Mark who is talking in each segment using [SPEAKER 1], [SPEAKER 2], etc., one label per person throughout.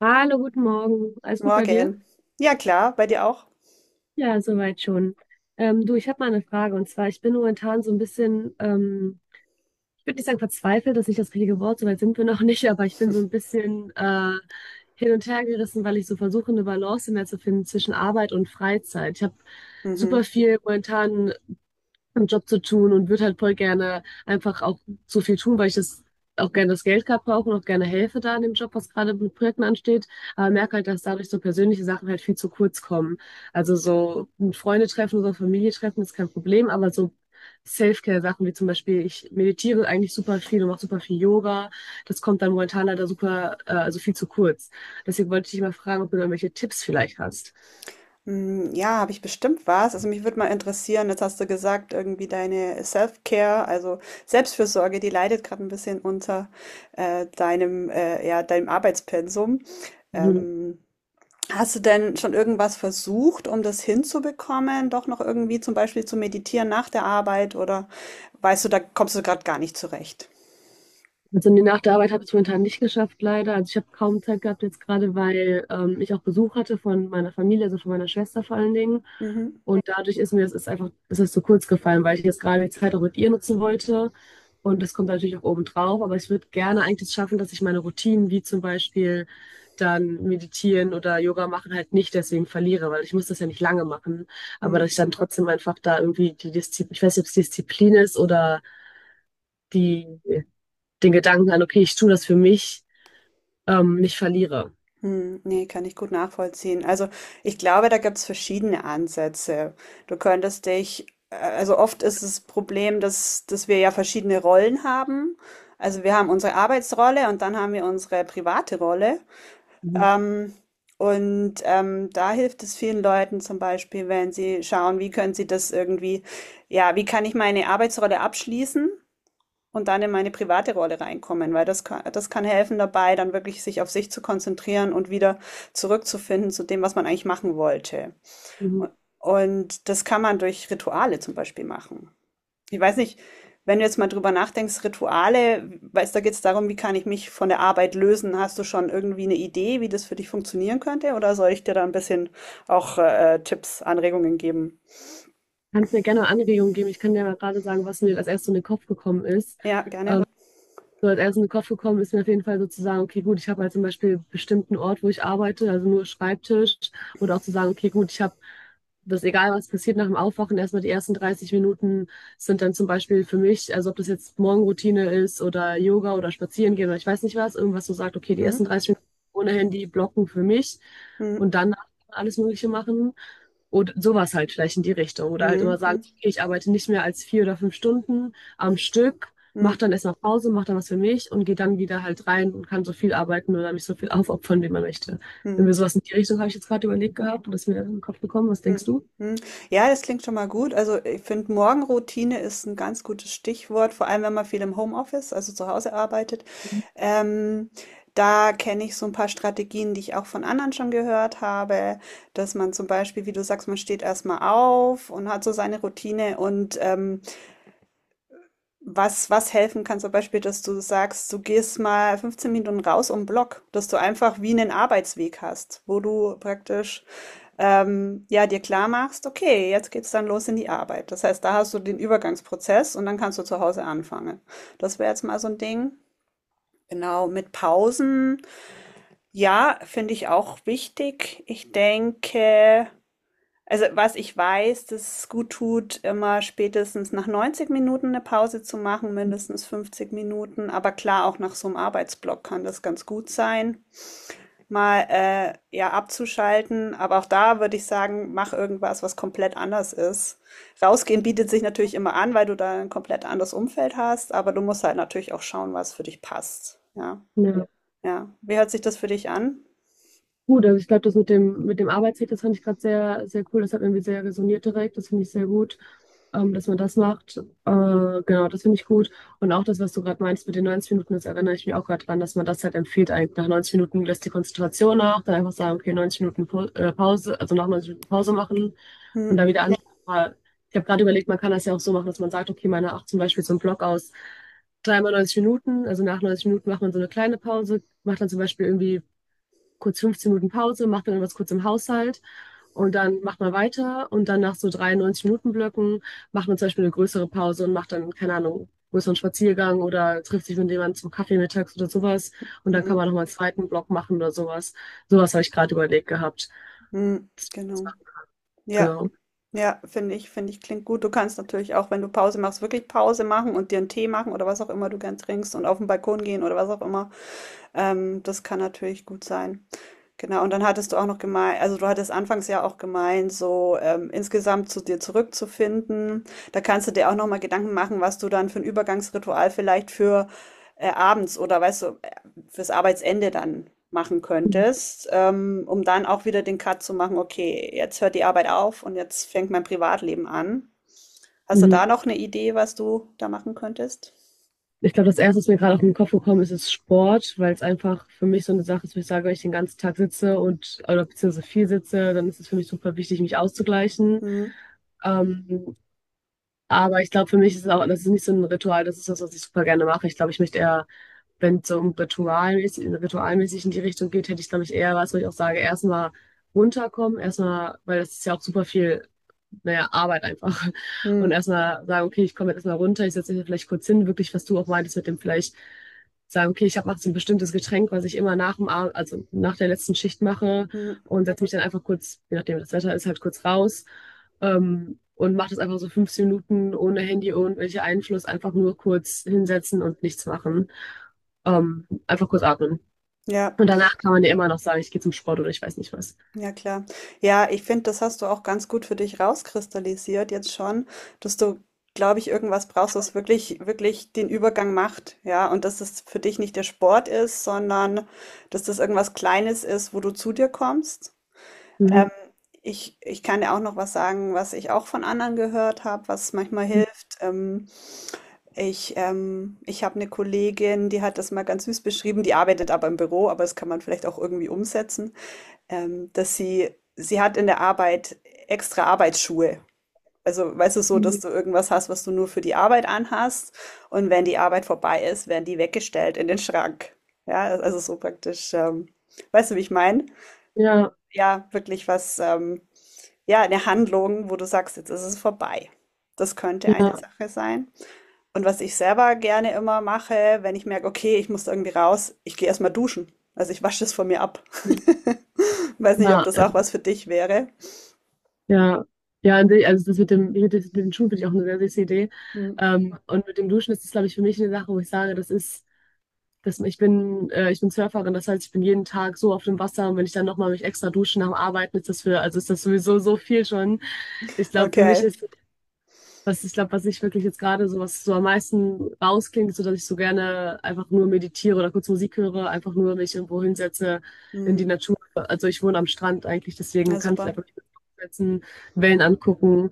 [SPEAKER 1] Hallo, guten Morgen. Alles gut bei dir?
[SPEAKER 2] Morgen. Ja, klar, bei dir auch?
[SPEAKER 1] Ja, soweit schon. Du, ich habe mal eine Frage, und zwar ich bin momentan so ein bisschen, ich würde nicht sagen verzweifelt, das ist nicht das richtige Wort, soweit sind wir noch nicht, aber ich bin so ein bisschen hin und her gerissen, weil ich so versuche, eine Balance mehr zu finden zwischen Arbeit und Freizeit. Ich habe super
[SPEAKER 2] Mhm.
[SPEAKER 1] viel momentan einen Job zu tun und würde halt voll gerne einfach auch so viel tun, weil ich das auch gerne, das Geld gerade brauche und auch gerne helfe da in dem Job, was gerade mit Projekten ansteht. Aber merke halt, dass dadurch so persönliche Sachen halt viel zu kurz kommen. Also so ein Freunde treffen oder Familie treffen ist kein Problem, aber so Self-Care-Sachen wie zum Beispiel, ich meditiere eigentlich super viel und mache super viel Yoga. Das kommt dann momentan leider super, also viel zu kurz. Deswegen wollte ich dich mal fragen, ob du da irgendwelche Tipps vielleicht hast.
[SPEAKER 2] Ja, habe ich bestimmt was. Also mich würde mal interessieren, jetzt hast du gesagt, irgendwie deine Self-Care, also Selbstfürsorge, die leidet gerade ein bisschen unter deinem, ja, deinem Arbeitspensum.
[SPEAKER 1] Mhm.
[SPEAKER 2] Ähm, Hast du denn schon irgendwas versucht, um das hinzubekommen? Doch noch irgendwie zum Beispiel zu meditieren nach der Arbeit oder weißt du, da kommst du gerade gar nicht zurecht?
[SPEAKER 1] Also nee, nach der Arbeit habe ich es momentan nicht geschafft, leider. Also ich habe kaum Zeit gehabt jetzt gerade, weil ich auch Besuch hatte von meiner Familie, also von meiner Schwester vor allen Dingen.
[SPEAKER 2] Mhm.
[SPEAKER 1] Und dadurch ist mir das, ist einfach, das ist zu kurz gefallen, weil ich jetzt gerade die Zeit auch mit ihr nutzen wollte. Und das kommt natürlich auch oben drauf. Aber ich würde gerne eigentlich schaffen, dass ich meine Routinen, wie zum Beispiel dann meditieren oder Yoga machen, halt nicht deswegen verliere, weil ich muss das ja nicht lange machen. Aber
[SPEAKER 2] Mm.
[SPEAKER 1] dass ich dann trotzdem einfach da irgendwie die Disziplin, ich weiß nicht, ob es Disziplin ist, oder die, den Gedanken an, okay, ich tue das für mich, nicht verliere.
[SPEAKER 2] Nee, kann ich gut nachvollziehen. Also ich glaube, da gibt's verschiedene Ansätze. Du könntest dich, also oft ist das Problem, dass wir ja verschiedene Rollen haben. Also wir haben unsere Arbeitsrolle und dann haben wir unsere private Rolle.
[SPEAKER 1] Mhm.
[SPEAKER 2] Ähm, da hilft es vielen Leuten zum Beispiel, wenn sie schauen, wie können sie das irgendwie, ja, wie kann ich meine Arbeitsrolle abschließen und dann in meine private Rolle reinkommen, weil das kann helfen dabei, dann wirklich sich auf sich zu konzentrieren und wieder zurückzufinden zu dem, was man eigentlich machen wollte.
[SPEAKER 1] Mhm.
[SPEAKER 2] Und, und das kann man durch Rituale zum Beispiel machen. Ich weiß nicht, wenn du jetzt mal drüber nachdenkst, Rituale, weißt, da geht es darum, wie kann ich mich von der Arbeit lösen? Hast du schon irgendwie eine Idee, wie das für dich funktionieren könnte? Oder soll ich dir da ein bisschen auch Tipps, Anregungen geben?
[SPEAKER 1] Kannst mir gerne Anregungen geben. Ich kann dir mal gerade sagen, was mir als erstes in den Kopf gekommen ist.
[SPEAKER 2] Ja,
[SPEAKER 1] Ähm,
[SPEAKER 2] gerne.
[SPEAKER 1] So als erstes in den Kopf gekommen ist mir auf jeden Fall so zu sagen, okay, gut, ich habe halt zum Beispiel bestimmten Ort, wo ich arbeite, also nur Schreibtisch. Oder auch zu sagen, okay, gut, ich habe das, egal was passiert nach dem Aufwachen, erstmal die ersten 30 Minuten sind dann zum Beispiel für mich, also ob das jetzt Morgenroutine ist oder Yoga oder Spazieren gehen oder ich weiß nicht was, irgendwas, so sagt, okay, die
[SPEAKER 2] Mhm.
[SPEAKER 1] ersten 30 Minuten ohne Handy blocken für mich
[SPEAKER 2] Mhm.
[SPEAKER 1] und dann alles Mögliche machen. Und sowas halt vielleicht in die Richtung. Oder halt immer sagen,
[SPEAKER 2] Mhm.
[SPEAKER 1] okay, ich arbeite nicht mehr als 4 oder 5 Stunden am Stück, mach dann
[SPEAKER 2] Mhm.
[SPEAKER 1] erstmal Pause, mach dann was für mich und gehe dann wieder halt rein und kann so viel arbeiten oder mich so viel aufopfern, wie man möchte. Wenn
[SPEAKER 2] Mhm.
[SPEAKER 1] wir sowas in die Richtung, habe ich jetzt gerade überlegt gehabt und das ist mir in den Kopf gekommen. Was denkst du?
[SPEAKER 2] Mhm. Ja, das klingt schon mal gut. Also ich finde, Morgenroutine ist ein ganz gutes Stichwort, vor allem wenn man viel im Homeoffice, also zu Hause arbeitet. Ähm, Da kenne ich so ein paar Strategien, die ich auch von anderen schon gehört habe, dass man zum Beispiel, wie du sagst, man steht erstmal auf und hat so seine Routine und was helfen kann, zum Beispiel, dass du sagst, du gehst mal 15 Minuten raus um den Block, dass du einfach wie einen Arbeitsweg hast, wo du praktisch ja, dir klar machst, okay, jetzt geht's dann los in die Arbeit. Das heißt, da hast du den Übergangsprozess und dann kannst du zu Hause anfangen. Das wäre jetzt mal so ein Ding. Genau, mit Pausen, ja, finde ich auch wichtig. Ich denke, also was ich weiß, dass es gut tut, immer spätestens nach 90 Minuten eine Pause zu machen, mindestens 50 Minuten. Aber klar, auch nach so einem Arbeitsblock kann das ganz gut sein mal ja abzuschalten. Aber auch da würde ich sagen, mach irgendwas, was komplett anders ist. Rausgehen bietet sich natürlich immer an, weil du da ein komplett anderes Umfeld hast, aber du musst halt natürlich auch schauen, was für dich passt. Ja,
[SPEAKER 1] Ja.
[SPEAKER 2] ja. Wie hört sich das für dich an?
[SPEAKER 1] Gut, also ich glaube, das mit dem Arbeitsweg, das fand ich gerade sehr, sehr cool. Das hat irgendwie sehr resoniert direkt. Das finde ich sehr gut, dass man das macht. Genau, das finde ich gut. Und auch das, was du gerade meinst mit den 90 Minuten, das erinnere ich mich auch gerade dran, dass man das halt empfiehlt. Eigentlich nach 90 Minuten lässt die Konzentration nach, dann einfach sagen, okay, 90 Minuten Pause, also nach 90 Minuten Pause machen
[SPEAKER 2] Hm,
[SPEAKER 1] und dann wieder an. Ja, aber ich habe gerade überlegt, man kann das ja auch so machen, dass man sagt, okay, meine acht zum Beispiel so einen Block aus dreimal 90 Minuten, also nach 90 Minuten macht man so eine kleine Pause, macht dann zum Beispiel irgendwie kurz 15 Minuten Pause, macht dann irgendwas kurz im Haushalt und dann macht man weiter und dann nach so 93 Minuten Blöcken macht man zum Beispiel eine größere Pause und macht dann, keine Ahnung, größeren Spaziergang oder trifft sich mit jemandem zum Kaffee mittags oder sowas und dann kann man
[SPEAKER 2] hm,
[SPEAKER 1] nochmal einen zweiten Block machen oder sowas. Sowas habe ich gerade überlegt gehabt.
[SPEAKER 2] hm,
[SPEAKER 1] Das
[SPEAKER 2] genau.
[SPEAKER 1] war,
[SPEAKER 2] Ja,
[SPEAKER 1] genau.
[SPEAKER 2] ja, finde ich, klingt gut. Du kannst natürlich auch, wenn du Pause machst, wirklich Pause machen und dir einen Tee machen oder was auch immer du gern trinkst und auf den Balkon gehen oder was auch immer. Das kann natürlich gut sein. Genau, und dann hattest du auch noch gemeint also, du hattest anfangs ja auch gemeint, so, insgesamt zu dir zurückzufinden. Da kannst du dir auch noch mal Gedanken machen, was du dann für ein Übergangsritual vielleicht für, abends oder weißt du, fürs Arbeitsende dann machen könntest, um dann auch wieder den Cut zu machen: „Okay, jetzt hört die Arbeit auf und jetzt fängt mein Privatleben an.“ Hast du da
[SPEAKER 1] Mhm.
[SPEAKER 2] noch eine Idee, was du da machen könntest?
[SPEAKER 1] Ich glaube, das Erste, was mir gerade auf den Kopf gekommen ist, ist Sport, weil es einfach für mich so eine Sache ist, wo ich sage, wenn ich den ganzen Tag sitze und oder beziehungsweise viel sitze, dann ist es für mich super wichtig, mich
[SPEAKER 2] Mhm.
[SPEAKER 1] auszugleichen.
[SPEAKER 2] Mhm.
[SPEAKER 1] Ähm, Aber ich glaube, für mich ist es auch, das ist nicht so ein Ritual, das ist das, was ich super gerne mache. Ich glaube, ich möchte eher, wenn es so um ritualmäßig, ritualmäßig in die Richtung geht, hätte ich, glaube ich, eher was, wo ich auch sage, erstmal runterkommen, erstmal, weil das ist ja auch super viel, naja, Arbeit einfach. Und
[SPEAKER 2] Mhm.
[SPEAKER 1] erstmal sagen, okay, ich komme jetzt erstmal runter, ich setze mich hier vielleicht kurz hin, wirklich, was du auch meintest mit dem vielleicht sagen, okay, ich habe jetzt ein bestimmtes Getränk, was ich immer nach dem Abend, also nach der letzten Schicht mache
[SPEAKER 2] Mhm.
[SPEAKER 1] und setze mich dann einfach kurz, je nachdem wie das Wetter ist, halt kurz raus, und mache das einfach so 15 Minuten ohne Handy, ohne welchen Einfluss, einfach nur kurz hinsetzen und nichts machen. Einfach kurz atmen.
[SPEAKER 2] Ja.
[SPEAKER 1] Und danach kann man ja immer noch sagen, ich gehe zum Sport oder ich weiß nicht was.
[SPEAKER 2] Ja, klar. Ja, ich finde, das hast du auch ganz gut für dich rauskristallisiert jetzt schon, dass du, glaube ich, irgendwas brauchst, was wirklich, wirklich den Übergang macht. Ja, und dass es für dich nicht der Sport ist, sondern dass das irgendwas Kleines ist, wo du zu dir kommst.
[SPEAKER 1] Mhm.
[SPEAKER 2] Ähm, ich kann dir auch noch was sagen, was ich auch von anderen gehört habe, was manchmal hilft. Ich habe eine Kollegin, die hat das mal ganz süß beschrieben, die arbeitet aber im Büro, aber das kann man vielleicht auch irgendwie umsetzen dass sie hat in der Arbeit extra Arbeitsschuhe. Also, weißt du, so, dass du irgendwas hast, was du nur für die Arbeit anhast. Und wenn die Arbeit vorbei ist, werden die weggestellt in den Schrank. Ja, also so praktisch, weißt du, wie ich meine?
[SPEAKER 1] Ja,
[SPEAKER 2] Ja, wirklich was, ja, eine Handlung, wo du sagst, jetzt ist es vorbei. Das könnte eine
[SPEAKER 1] ja,
[SPEAKER 2] Sache sein. Und was ich selber gerne immer mache, wenn ich merke, okay, ich muss irgendwie raus, ich gehe erstmal duschen. Also ich wasche es von mir ab. Weiß nicht, ob
[SPEAKER 1] ja,
[SPEAKER 2] das auch was für dich wäre.
[SPEAKER 1] ja. Ja, und ich- also das mit dem, mit dem mit den Schuhen finde ich auch eine sehr süße Idee.
[SPEAKER 2] Hm.
[SPEAKER 1] Und mit dem Duschen ist das, glaube ich, für mich eine Sache, wo ich sage, das ist das, ich bin Surferin, das heißt, ich bin jeden Tag so auf dem Wasser und wenn ich dann nochmal mich extra dusche nach dem Arbeiten, ist das für, also ist das sowieso so viel schon. Ich glaube, für mich
[SPEAKER 2] Okay.
[SPEAKER 1] ist, was ich glaube, was ich wirklich jetzt gerade so, was so am meisten rausklingt, ist so, dass ich so gerne einfach nur meditiere oder kurz Musik höre, einfach nur mich irgendwo hinsetze in die
[SPEAKER 2] Hm.
[SPEAKER 1] Natur. Also ich wohne am Strand eigentlich, deswegen
[SPEAKER 2] Ja,
[SPEAKER 1] kann ich
[SPEAKER 2] super.
[SPEAKER 1] einfach nicht setzen, Wellen angucken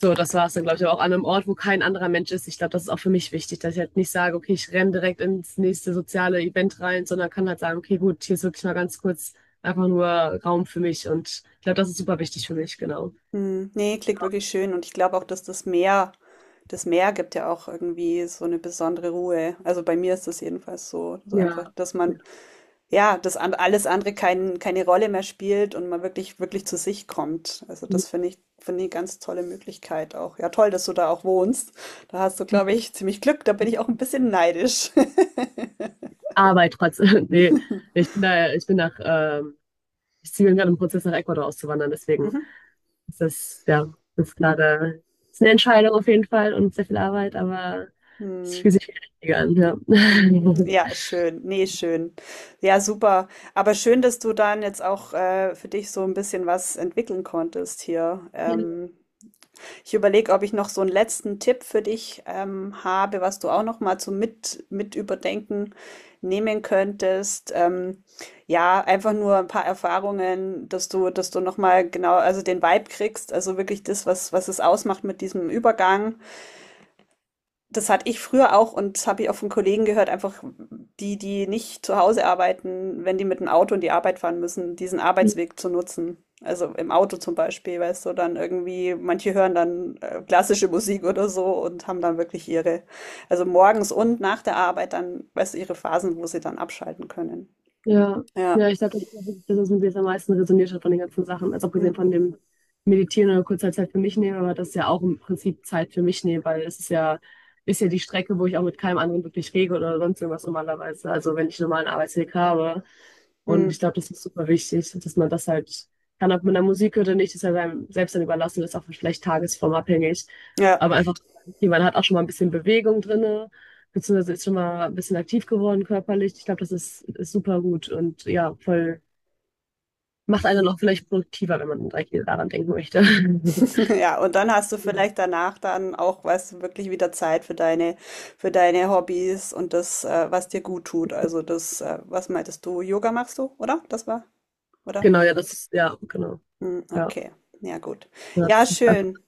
[SPEAKER 1] so, das war es dann, glaube ich, aber auch an einem Ort, wo kein anderer Mensch ist. Ich glaube, das ist auch für mich wichtig, dass ich halt nicht sage, okay, ich renne direkt ins nächste soziale Event rein, sondern kann halt sagen, okay, gut, hier ist wirklich mal ganz kurz einfach nur Raum für mich. Und ich glaube, das ist super wichtig für mich, genau.
[SPEAKER 2] Hm. Nee, klingt wirklich schön. Und ich glaube auch, dass das Meer gibt ja auch irgendwie so eine besondere Ruhe. Also bei mir ist das jedenfalls so. Also einfach,
[SPEAKER 1] Ja.
[SPEAKER 2] dass man, ja, dass an- alles andere kein, keine Rolle mehr spielt und man wirklich, wirklich zu sich kommt. Also das finde ich eine ganz tolle Möglichkeit auch. Ja, toll, dass du da auch wohnst. Da hast du, glaube ich, ziemlich Glück. Da bin ich auch ein bisschen neidisch.
[SPEAKER 1] Arbeit trotzdem. Nee, ich bin da, ich bin nach, ich ziehe gerade im Prozess nach Ecuador auszuwandern, deswegen
[SPEAKER 2] Mhm.
[SPEAKER 1] ist das, ja, ist gerade, ist eine Entscheidung auf jeden Fall und sehr viel Arbeit, aber es
[SPEAKER 2] Hm.
[SPEAKER 1] fühlt sich viel richtiger an, ja.
[SPEAKER 2] Mhm. Ja, schön. Nee, schön. Ja, super. Aber schön, dass du dann jetzt auch für dich so ein bisschen was entwickeln konntest hier.
[SPEAKER 1] Ja.
[SPEAKER 2] Ich überlege, ob ich noch so einen letzten Tipp für dich habe, was du auch noch mal zum mit überdenken nehmen könntest. Ja, einfach nur ein paar Erfahrungen, dass du noch mal genau, also den Vibe kriegst, also wirklich das, was es ausmacht mit diesem Übergang. Das hatte ich früher auch und das habe ich auch von Kollegen gehört, einfach die nicht zu Hause arbeiten, wenn die mit dem Auto in die Arbeit fahren müssen, diesen Arbeitsweg zu nutzen. Also im Auto zum Beispiel, weißt du, dann irgendwie, manche hören dann klassische Musik oder so und haben dann wirklich ihre, also morgens und nach der Arbeit dann, weißt du, ihre Phasen, wo sie dann abschalten können.
[SPEAKER 1] Ja,
[SPEAKER 2] Ja.
[SPEAKER 1] ja, ich glaube, das ist auch wirklich das, was mit mir jetzt am meisten resoniert hat von den ganzen Sachen. Also
[SPEAKER 2] Hm.
[SPEAKER 1] abgesehen von dem Meditieren oder kurzer Zeit für mich nehmen, aber das ist ja auch im Prinzip Zeit für mich nehmen, weil es ist ja die Strecke, wo ich auch mit keinem anderen wirklich rede oder sonst irgendwas normalerweise. Also wenn ich einen normalen Arbeitsweg habe.
[SPEAKER 2] Hm.
[SPEAKER 1] Und ich glaube, das ist super wichtig, dass man das halt kann, ob man da Musik hört oder nicht, ist ja seinem selbst dann überlassen, das ist auch vielleicht tagesformabhängig.
[SPEAKER 2] Ja.
[SPEAKER 1] Aber einfach, okay, man hat auch schon mal ein bisschen Bewegung drin beziehungsweise ist schon mal ein bisschen aktiv geworden körperlich. Ich glaube, das ist, ist super gut und ja, voll, macht einen noch vielleicht produktiver, wenn man direkt wieder daran denken möchte.
[SPEAKER 2] Ja, und dann hast du vielleicht danach dann auch, weißt du, wirklich wieder Zeit für deine Hobbys und das, was dir gut tut. Also das, was meintest du? Yoga machst du, oder? Das war, oder?
[SPEAKER 1] Genau, ja, das ist, ja, genau.
[SPEAKER 2] Hm,
[SPEAKER 1] Ja,
[SPEAKER 2] okay. Ja, gut.
[SPEAKER 1] ja,
[SPEAKER 2] Ja,
[SPEAKER 1] das ist,
[SPEAKER 2] schön.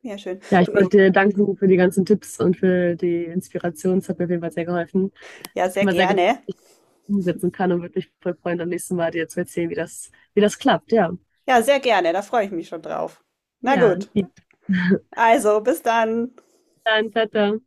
[SPEAKER 2] Ja, schön.
[SPEAKER 1] ja,
[SPEAKER 2] Du,
[SPEAKER 1] ich
[SPEAKER 2] ich,
[SPEAKER 1] wollte dir danken für die ganzen Tipps und für die Inspiration. Es hat mir auf jeden Fall sehr geholfen.
[SPEAKER 2] ja,
[SPEAKER 1] Ich bin
[SPEAKER 2] sehr
[SPEAKER 1] mal sehr gespannt,
[SPEAKER 2] gerne.
[SPEAKER 1] wie ich das umsetzen kann und würde mich voll freuen, am nächsten Mal dir zu erzählen, wie das klappt. Ja,
[SPEAKER 2] Ja, sehr gerne. Da freue ich mich schon drauf. Na
[SPEAKER 1] ja,
[SPEAKER 2] gut.
[SPEAKER 1] lieb.
[SPEAKER 2] Also, bis dann.
[SPEAKER 1] Dann, tata.